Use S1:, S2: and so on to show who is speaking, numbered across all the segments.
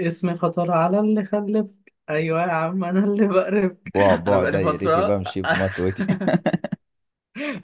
S1: اسمي خطر على اللي خلفك. ايوه يا عم انا اللي بقرفك.
S2: بعبع
S1: انا
S2: بعبع
S1: بقالي
S2: دايرتي
S1: فتره.
S2: بمشي بمطوتي.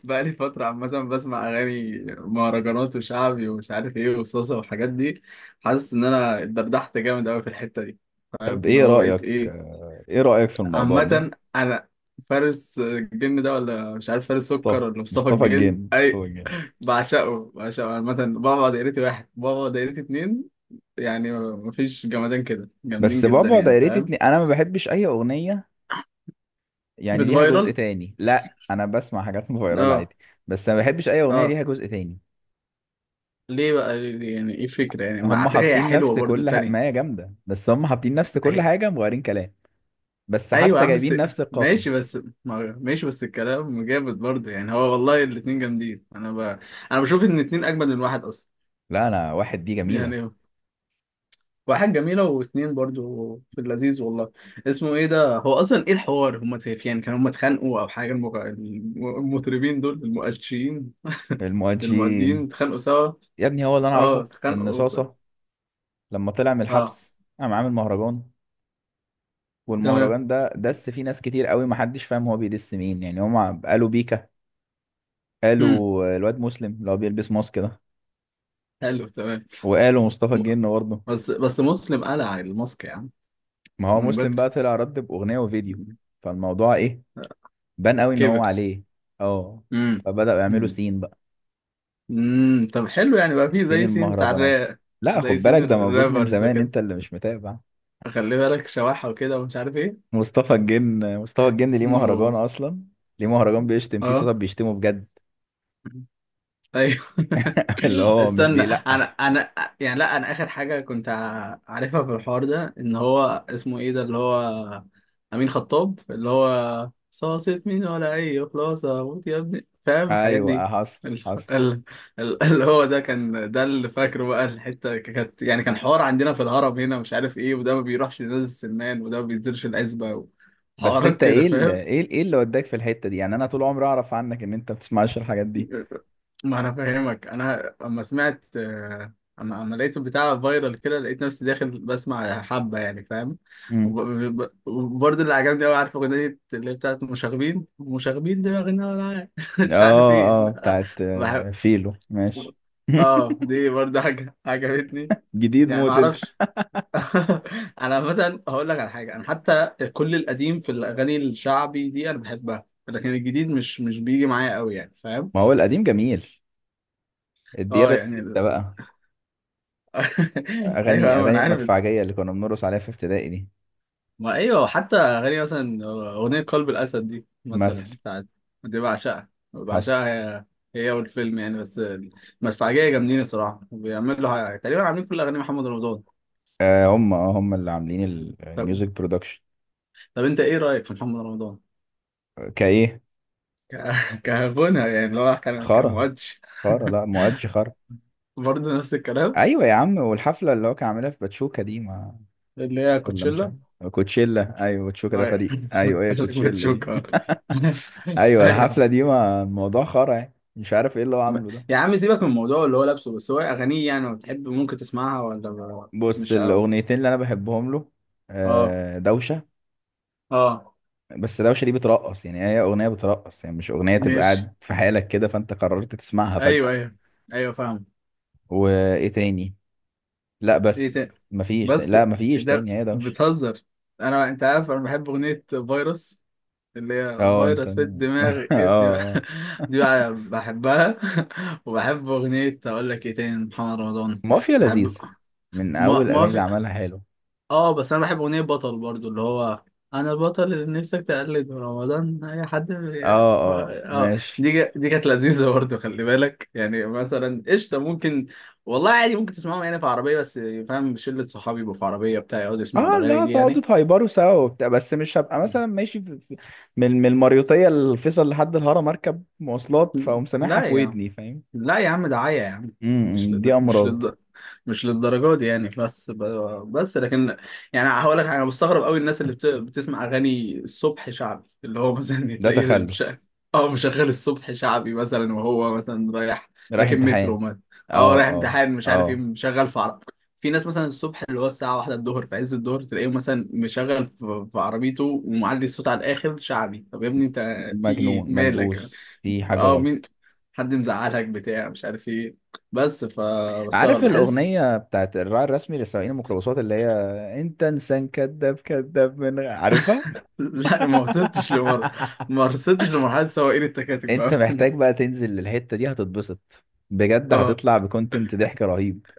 S1: بقالي فتره عامه بسمع اغاني مهرجانات وشعبي ومش عارف ايه وصوصه والحاجات دي. حاسس ان انا اتدردحت جامد قوي في الحته دي. فاهم
S2: طب
S1: اللي
S2: ايه
S1: هو بقيت
S2: رأيك
S1: ايه؟
S2: ايه رأيك في الموضوع ده؟
S1: عامه انا فارس الجن ده ولا مش عارف فارس سكر
S2: مصطفى
S1: ولا مصطفى
S2: مصطفى
S1: الجن
S2: الجن مصطفى
S1: اي.
S2: الجن.
S1: بعشقه بعشقه عامه، بابا دايرتي واحد، بابا دايرتي اتنين. يعني مفيش جمدان كده، جامدين
S2: بس
S1: جدا
S2: بعبع
S1: يعني
S2: دايرتي
S1: فاهم.
S2: اتنين انا ما بحبش اي اغنية يعني ليها جزء
S1: بتفايرل.
S2: تاني. لا انا بسمع حاجات فيرال
S1: اه.
S2: عادي، بس ما بحبش اي اغنية
S1: اه.
S2: ليها جزء تاني.
S1: يعني ايه فكرة؟ يعني ما
S2: هم
S1: على فكرة هي
S2: حاطين
S1: حلوة
S2: نفس
S1: برضو
S2: ما
S1: التانية.
S2: هي جامدة، بس هم حاطين نفس كل
S1: أهي.
S2: حاجة مغيرين كلام. بس
S1: ايوه يا
S2: حتى
S1: عم بس.
S2: جايبين نفس القافية.
S1: ماشي بس. ماشي بس الكلام جامد برضو. يعني هو والله الاتنين جامدين، انا ب... انا بشوف ان الاتنين اجمل من واحد اصلا.
S2: لا انا واحد دي جميلة.
S1: يعني واحد جميلة واتنين برضو في اللذيذ والله. اسمه ايه ده هو اصلا؟ ايه الحوار؟ يعني كانوا هم اتخانقوا او حاجة المغ... المطربين دول المؤشرين المؤدين
S2: المؤجين،
S1: اتخانقوا سوا.
S2: يا ابني هو اللي انا
S1: اه
S2: اعرفه، ان
S1: اتخانقوا سوا.
S2: صاصة لما طلع من
S1: اه.
S2: الحبس قام عامل مهرجان،
S1: تمام.
S2: والمهرجان ده دس فيه ناس كتير قوي ما حدش فاهم هو بيدس مين. يعني هم قالوا بيكا،
S1: امم.
S2: قالوا الواد مسلم اللي هو بيلبس ماسك ده،
S1: حلو تمام.
S2: وقالوا مصطفى
S1: م-.
S2: الجن برضه.
S1: بس بس مسلم قلع الماسك يا عم.
S2: ما هو
S1: من
S2: مسلم
S1: بدري.
S2: بقى طلع رد بأغنية وفيديو، فالموضوع ايه؟ بان قوي ان هو
S1: كبر.
S2: عليه. اه،
S1: امم.
S2: فبدأوا يعملوا
S1: امم.
S2: سين بقى.
S1: أمم. طب حلو، يعني بقى فيه
S2: سين
S1: زي سين بتاع
S2: المهرجانات.
S1: الراب؟
S2: لا
S1: زي
S2: خد
S1: سين
S2: بالك ده موجود من
S1: الرابرز
S2: زمان،
S1: وكده.
S2: انت اللي مش متابع.
S1: خلي بالك شواحة وكده ومش عارف ايه.
S2: مصطفى الجن مصطفى الجن ليه مهرجان
S1: انه.
S2: اصلا؟ ليه مهرجان بيشتم فيه
S1: اه.
S2: صوت بيشتمه بجد؟
S1: ايوه.
S2: اللي هو مش
S1: استنى انا
S2: بيلقح.
S1: انا يعني لا انا اخر حاجه كنت عارفها في الحوار ده ان هو اسمه ايه ده اللي هو امين خطاب، اللي هو صاصة مين ولا اي، خلاصه موت يا ابني فاهم الحاجات
S2: ايوه،
S1: دي.
S2: حصل
S1: ال-
S2: حصل.
S1: ال- اللي هو ده كان ده اللي فاكره بقى، الحته كانت يعني كان حوار عندنا في الهرم هنا مش عارف ايه، وده ما بيروحش لنادي السمان، وده ما بينزلش العزبه،
S2: بس
S1: وحوارات
S2: انت
S1: كده
S2: ايه
S1: فاهم.
S2: ايه اللي وداك في الحتة دي؟ يعني انا طول عمري اعرف عنك ان انت ما بتسمعش الحاجات دي.
S1: ما انا فاهمك، انا اما سمعت اما لقيت البتاع فايرال كده لقيت نفسي داخل بسمع حبه يعني فاهم.
S2: امم،
S1: وب- ب- ب- وبرضه اللي عجبني قوي، عارف اغنيه اللي هي بتاعت مشاغبين؟ مشاغبين دماغنا ولا مش عارف
S2: اه.
S1: ايه
S2: اه
S1: لا.
S2: بتاعت
S1: بحب.
S2: فيلو، ماشي.
S1: اه دي برضه حاجه عجبتني.
S2: جديد
S1: يعني ما
S2: موت انت.
S1: اعرفش. انا مثلا هقول لك على حاجه، انا حتى كل القديم في الاغاني الشعبي دي انا بحبها، لكن الجديد مش مش بيجي معايا قوي يعني فاهم.
S2: ما هو القديم جميل، الديابة
S1: اه
S2: الستة
S1: يعني.
S2: بقى.
S1: ايوه
S2: اغاني
S1: أيوة،
S2: اغاني
S1: انا عارف.
S2: المدفعجية اللي كنا بنرقص عليها في ابتدائي دي
S1: ما ايوه، حتى اغاني مثلا اغنيه قلب الاسد دي مثلا
S2: مثلا.
S1: بتاعت. دي بعشقها
S2: حصل.
S1: بعشقها. هي هي والفيلم يعني، بس المدفعجيه جامدين الصراحه، بيعملوا حاجة. تقريبا عاملين كل اغاني محمد رمضان.
S2: آه هم، هم اللي عاملين
S1: طب،
S2: الميوزك برودكشن.
S1: طب انت ايه رايك في محمد رمضان؟
S2: كايه.
S1: كغنى يعني، اللي هو كان
S2: خارة،
S1: كمؤدش.
S2: خارة. لا مؤدش خارة.
S1: برضه نفس الكلام.
S2: ايوه يا عم، والحفلة اللي هو كان عاملها في باتشوكا دي، ما
S1: اللي هي
S2: ولا مش
S1: كوتشيلا
S2: عارف. كوتشيلا، ايوه. باتشوكا ده
S1: ايوه.
S2: فريق. ايوه هي كوتشيلا دي.
S1: بتشوكها.
S2: ايوه الحفله
S1: ايوه.
S2: دي ما الموضوع خرا، يعني مش عارف ايه اللي هو
S1: م-.
S2: عامله ده.
S1: يا عم سيبك من الموضوع اللي هو لابسه، بس هو اغانيه يعني لو بتحب ممكن تسمعها ولا
S2: بص،
S1: مش قوي.
S2: الاغنيتين اللي انا بحبهم له،
S1: اه.
S2: دوشه.
S1: اه
S2: بس دوشه دي بترقص، يعني هي اغنيه بترقص، يعني مش اغنيه تبقى
S1: ماشي.
S2: قاعد في حالك كده فانت قررت تسمعها
S1: ايوه
S2: فجاه.
S1: ايوه. ايوه فاهم.
S2: وايه تاني؟ لا
S1: ايه
S2: بس.
S1: تاني؟
S2: مفيش تاني.
S1: بس.
S2: لا مفيش
S1: ده
S2: تاني، هي دوشه.
S1: بتهزر. انت عارف انا بحب اغنيه فيروس، اللي هي
S2: اه انت
S1: فيروس
S2: اه،
S1: في الدماغ ابني. دي بقى بحبها. وبحب اغنيه، اقول لك ايه تاني، محمد رمضان.
S2: مافيا
S1: بحب.
S2: لذيذ من اول
S1: ما
S2: الاغاني
S1: ما
S2: اللي
S1: في.
S2: عملها، حلو.
S1: اه بس انا بحب اغنيه بطل برضو، اللي هو انا البطل اللي نفسك تقلد من رمضان، اي حد
S2: اه، اه
S1: اه
S2: ماشي.
S1: دي دي كانت لذيذه برضو، خلي بالك. يعني مثلا قشطه ممكن والله عادي، ممكن تسمعهم يعني في عربيه بس فاهم، شله صحابي يبقوا في عربيه بتاع يقعدوا يسمعوا
S2: اه
S1: الاغاني
S2: لا،
S1: دي
S2: تقعدوا
S1: يعني.
S2: تهايبروا سوا وبتاع، بس مش هبقى مثلا ماشي من المريوطية الفيصل لحد الهرم اركب مواصلات فاقوم سامعها
S1: لا
S2: في
S1: يعني
S2: ودني، فاهم؟
S1: لا يا عم، دعاية يا عم.
S2: امم،
S1: مش
S2: دي
S1: لد... مش
S2: امراض.
S1: لد... مش للدرجة دي يعني، بس ب... بس لكن يعني هقول لك حاجة، انا مستغرب قوي الناس اللي بت... بتسمع اغاني الصبح شعبي، اللي هو مثلا
S2: ده
S1: تلاقيه مش...
S2: تخلف.
S1: اه مشغل الصبح شعبي مثلا، وهو مثلا رايح
S2: رايح
S1: راكب مترو
S2: امتحان.
S1: مثلا. اه رايح
S2: اه، اه،
S1: امتحان مش عارف ايه
S2: اه.
S1: مشغل في عرب. في ناس مثلا الصبح اللي هو الساعة واحدة الظهر في عز الظهر، تلاقيه مثلا مشغل في في عربيته ومعلي الصوت على الآخر شعبي. طب يا ابني انت في ايه
S2: مجنون
S1: مالك؟
S2: ملبوس في حاجة
S1: اه مين؟
S2: غلط.
S1: حد مزعلك بتاع مش عارف ايه. بس
S2: عارف
S1: فبستغرب بحس.
S2: الأغنية بتاعت الراعي الرسمي لسواقين الميكروباصات اللي هي، انت انسان كذاب كذاب عارفها؟
S1: لا ما وصلتش لمر، ما وصلتش لمرحلة سواقين التكاتك بقى
S2: انت
S1: هنا.
S2: محتاج بقى تنزل للحتة دي هتتبسط، بجد
S1: اه
S2: هتطلع بكونتنت ضحك رهيب.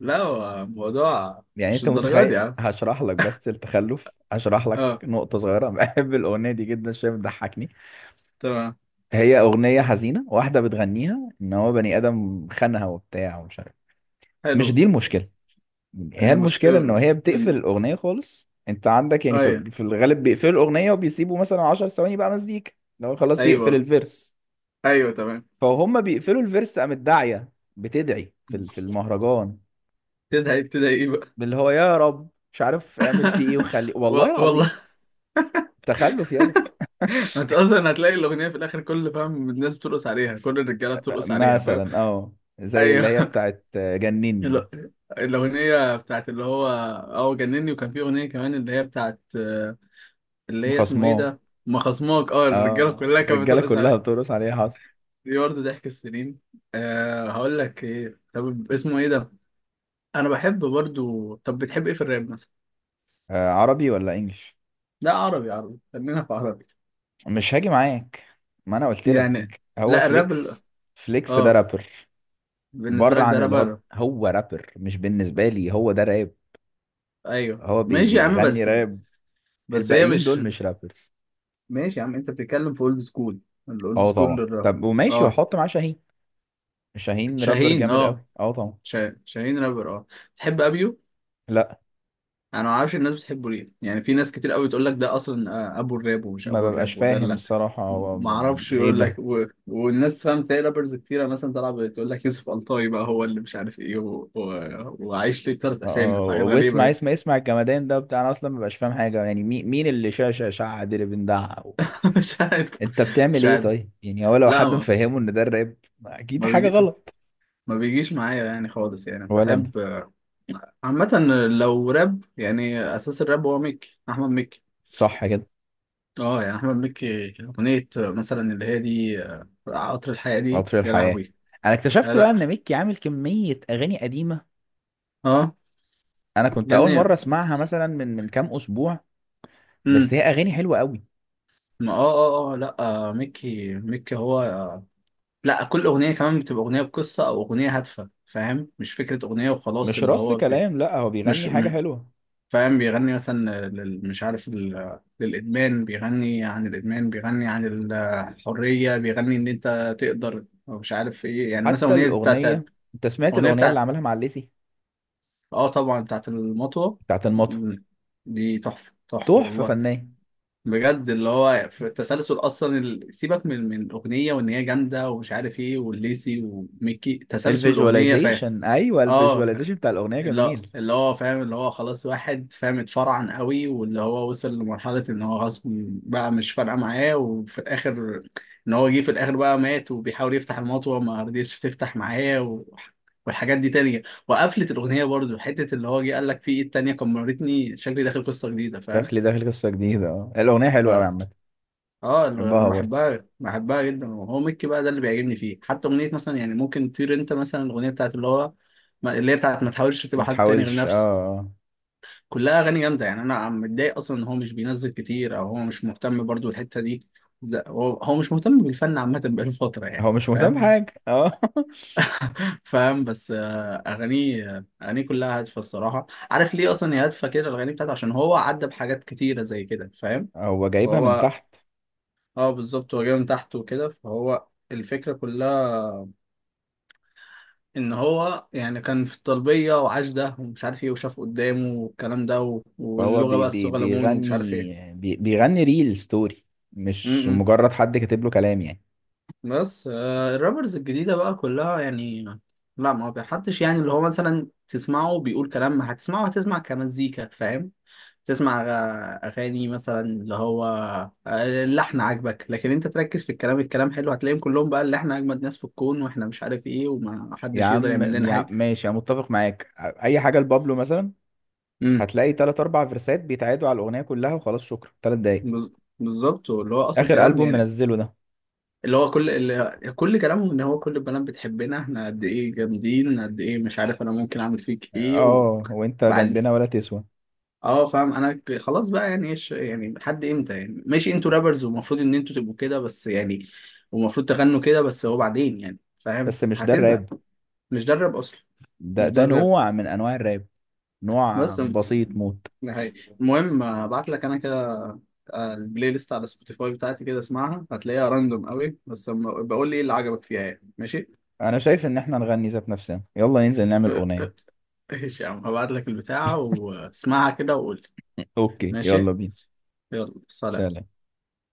S1: لا هو الموضوع
S2: يعني
S1: مش
S2: انت
S1: الدرجات دي يا
S2: متخيل؟
S1: عم.
S2: هشرح لك بس التخلف، هشرح لك
S1: اه.
S2: نقطة صغيرة. بحب الأغنية دي جدا، شوية بتضحكني.
S1: تمام.
S2: هي أغنية حزينة، واحدة بتغنيها إن هو بني آدم خانها وبتاع ومش عارف. مش
S1: حلو.
S2: دي المشكلة، هي
S1: المش
S2: المشكلة إن هي بتقفل
S1: إن-.
S2: الأغنية خالص. انت عندك يعني في
S1: ايوه
S2: في الغالب بيقفلوا الأغنية وبيسيبوا مثلا 10 ثواني بقى مزيكا، لو خلاص يقفل
S1: ايوه.
S2: الفيرس.
S1: ايوه تمام.
S2: فهم بيقفلوا الفيرس، قامت داعية بتدعي في المهرجان،
S1: تدعي بتدعي ايه بقى؟
S2: اللي هو يا رب مش عارف اعمل فيه ايه، وخلي والله العظيم.
S1: والله.
S2: تخلف يا ده.
S1: انت اصلا هتلاقي الاغنيه في الاخر كل فاهم، الناس بترقص عليها، كل الرجاله بترقص عليها فاهم.
S2: مثلا اه، زي اللي هي
S1: ايوه.
S2: بتاعت جنني دي.
S1: ال- الأغنية بتاعت اللي هو اه جنني، وكان في أغنية كمان اللي هي بتاعت اللي هي اسمه ايه
S2: خصماه.
S1: ده؟ ما خصماك، اه الرجالة
S2: اه
S1: كلها كانت
S2: الرجاله
S1: بترقص
S2: كلها
S1: عليه.
S2: بترقص عليها، حصل.
S1: دي برضه ضحك السنين. أه هقول لك ايه، طب اسمه ايه ده؟ أنا بحب برضه، طب بتحب ايه في الراب مثلا؟
S2: آه، عربي ولا انجلش؟
S1: لا عربي عربي، خلينا في عربي.
S2: مش هاجي معاك، ما انا قلت لك.
S1: يعني
S2: هو
S1: لا الراب ال-.
S2: فليكس، فليكس ده
S1: اه
S2: رابر.
S1: بالنسبة
S2: بره
S1: لك ده
S2: عن
S1: راب
S2: اللي هو،
S1: راب.
S2: هو رابر، مش بالنسبه لي، هو ده راب.
S1: ايوه
S2: هو
S1: ماشي يا عم
S2: بيغني
S1: بس.
S2: راب.
S1: بس هي
S2: الباقيين
S1: مش.
S2: دول مش رابرز.
S1: ماشي يا عم، انت بتتكلم في اولد سكول، الاولد
S2: اه
S1: سكول
S2: طبعا.
S1: للراب.
S2: طب وماشي
S1: اه
S2: واحط معاه شاهين. شاهين رابر
S1: شاهين
S2: جامد
S1: اه.
S2: قوي، اه طبعا.
S1: شاهين رابر اه. تحب ابيو؟
S2: لا،
S1: انا ما اعرفش الناس بتحبه ليه يعني، في ناس كتير قوي تقول لك ده اصلا ابو الراب ومش
S2: ما
S1: ابو
S2: ببقاش
S1: الراب
S2: فاهم
S1: ودلع.
S2: الصراحه، هو
S1: ما اعرفش،
S2: ايه
S1: يقول لك
S2: ده؟
S1: و... والناس فاهم تلاقي رابرز كتيره مثلا طالعه بتقول لك يوسف ألطاي بقى هو اللي مش عارف ايه و... و... وعايش ليه تلات
S2: اه،
S1: اسامي وحاجات غريبه
S2: واسمع اسمع
S1: كده.
S2: اسمع الجمدان ده بتاع، انا اصلا ما ببقاش فاهم حاجه، يعني مين اللي شاشه شعد اللي بندعها و...
S1: مش عارف.
S2: انت بتعمل
S1: مش
S2: ايه
S1: عارف.
S2: طيب؟ يعني هو لو
S1: لا
S2: حد
S1: ما
S2: مفهمه ان ده الراب، اكيد
S1: ما
S2: حاجه
S1: بيجي...
S2: غلط.
S1: ما بيجيش معايا يعني خالص، يعني
S2: ولا انا.
S1: بحب عامة لو راب يعني، أساس الراب هو ميكي، أحمد مكي.
S2: صح كده.
S1: اه يعني احمد مكي، اغنيه مثلا اللي هي دي قطر الحياه دي
S2: قطر
S1: يا
S2: الحياه،
S1: لهوي.
S2: انا
S1: آه
S2: اكتشفت بقى
S1: لا.
S2: ان ميكي عامل كميه اغاني قديمه،
S1: اه.
S2: انا كنت اول مره
S1: جميل.
S2: اسمعها مثلا من كام اسبوع، بس
S1: امم.
S2: هي اغاني حلوه قوي.
S1: ما اه. اه اه لا. مكي مكي هو لا كل اغنيه كمان بتبقى اغنيه بقصه او اغنيه هادفه فاهم، مش فكره اغنيه وخلاص
S2: مش
S1: اللي
S2: رص
S1: هو بي...
S2: كلام، لا هو
S1: مش
S2: بيغني حاجة
S1: م...
S2: حلوة.
S1: فاهم، بيغني مثلا لل... مش عارف ال... للادمان، بيغني عن الادمان، بيغني عن الحريه، بيغني ان انت تقدر أو مش عارف ايه، يعني مثلا
S2: حتى
S1: اغنيه بتاعت،
S2: الأغنية، أنت سمعت
S1: اغنيه
S2: الأغنية اللي
S1: بتاعت
S2: عملها مع الليسي؟
S1: اه طبعا بتاعت المطوة.
S2: بتاعت المطو،
S1: مم. دي تحفة تحفة
S2: تحفة
S1: والله،
S2: فنية.
S1: بجد اللي هو في التسلسل اصلا ال-، سيبك من من الاغنية وان هي جامدة ومش عارف ايه، والليسي وميكي تسلسل الاغنية فاهم.
S2: الفيجواليزيشن، أيوة
S1: اه
S2: الفيجواليزيشن بتاع الأغنية
S1: اللي
S2: جميل.
S1: اللي هو فاهم، اللي هو خلاص واحد فاهم اتفرعن قوي، واللي هو وصل لمرحلة ان هو خلاص بقى مش فارقة معاه، وفي الاخر ان هو جه في الاخر بقى مات وبيحاول يفتح الموت وما رضيتش تفتح معاه و... والحاجات دي تانية. وقفلت الأغنية برضو حتة اللي هو جه قال لك في إيد تانية كمرتني شكلي داخل قصة جديدة فاهم.
S2: شكلي داخل قصة جديدة، اه الأغنية حلوة أوي
S1: فا
S2: عامة.
S1: اه اللي
S2: بحبها
S1: أنا
S2: برضه.
S1: بحبها بحبها جدا، وهو ميكي بقى ده اللي بيعجبني فيه، حتى أغنية مثلا يعني ممكن تطير أنت مثلا، الأغنية بتاعت اللي هو اللي هي بتاعت ما تحاولش
S2: ما
S1: تبقى حد تاني غير
S2: تحاولش، اه،
S1: نفسك. كلها اغاني جامده، يعني انا عم متضايق اصلا ان هو مش بينزل كتير، او هو مش مهتم برضو الحته دي. لا هو هو مش مهتم بالفن عامه، بقاله فتره يعني
S2: هو مش مهتم
S1: فاهم.
S2: بحاجة، اه.
S1: فاهم بس اغانيه اغانيه كلها هادفه الصراحه، عارف ليه اصلا هي هادفه كده الاغاني بتاعته؟ عشان هو عدى بحاجات كتيره زي كده فاهم.
S2: هو جايبها من
S1: فهو
S2: تحت.
S1: اه بالظبط، هو جاي من تحت وكده، فهو الفكره كلها ان هو يعني كان في الطلبيه وعاش ده ومش عارف ايه، وشاف قدامه والكلام ده
S2: فهو
S1: واللغه
S2: بي
S1: بقى
S2: بي
S1: الصغلمون ومش عارف
S2: بيغني بي بيغني ريل ستوري، مش
S1: ايه.
S2: مجرد حد كاتب له كلام يعني.
S1: بس الرابرز الجديدة بقى كلها يعني، لا ما بحدش، يعني اللي هو مثلا تسمعه بيقول كلام، ما هتسمعه هتسمع كمزيكا فاهم. تسمع أغاني مثلا اللي هو آه، اللحن عاجبك، لكن أنت تركز في الكلام، الكلام حلو، هتلاقيهم كلهم بقى اللي إحنا أجمد ناس في الكون وإحنا مش عارف إيه وما
S2: يا
S1: حدش يقدر
S2: عم
S1: يعمل لنا
S2: يا
S1: حاجة.
S2: عم ماشي، انا متفق معاك. اي حاجه لبابلو مثلا،
S1: امم.
S2: هتلاقي تلات أربع فيرسات بيتعادوا على الأغنية كلها، وخلاص شكرا، تلات دقايق.
S1: بز- بالظبط، اللي هو أصلا
S2: آخر
S1: كلام
S2: ألبوم
S1: يعني،
S2: منزله ده،
S1: اللي هو كل اللي كل كلامهم إن هو كل البنات بتحبنا، إحنا قد إيه جامدين قد إيه مش عارف، أنا ممكن أعمل فيك إيه و...
S2: اه وانت جنبنا
S1: بعد
S2: ولا تسوى.
S1: اه فاهم انا خلاص بقى يعني ايش يعني لحد امتى يعني، ماشي انتوا رابرز ومفروض ان انتوا تبقوا كده بس، يعني ومفروض تغنوا كده بس، هو بعدين يعني فاهم
S2: بس مش ده
S1: هتزهق.
S2: الراب،
S1: مش ده الراب اصلا.
S2: ده
S1: مش ده
S2: ده
S1: الراب.
S2: نوع من أنواع الراب، نوع
S1: بس م-.
S2: بسيط موت.
S1: ده حقيقي. المهم ابعت لك انا كده البلاي ليست على سبوتيفاي بتاعتي كده اسمعها، هتلاقيها راندوم قوي بس أما-. بقول لي ايه اللي عجبك فيها يعني، ماشي.
S2: أنا شايف إن احنا نغني ذات نفسنا، يلا ننزل نعمل أغنية.
S1: ماشي يا عم، هبعت لك البتاعة واسمعها كده وقول لي.
S2: أوكي،
S1: ماشي.
S2: يلا بينا.
S1: يلا سلام.
S2: سلام.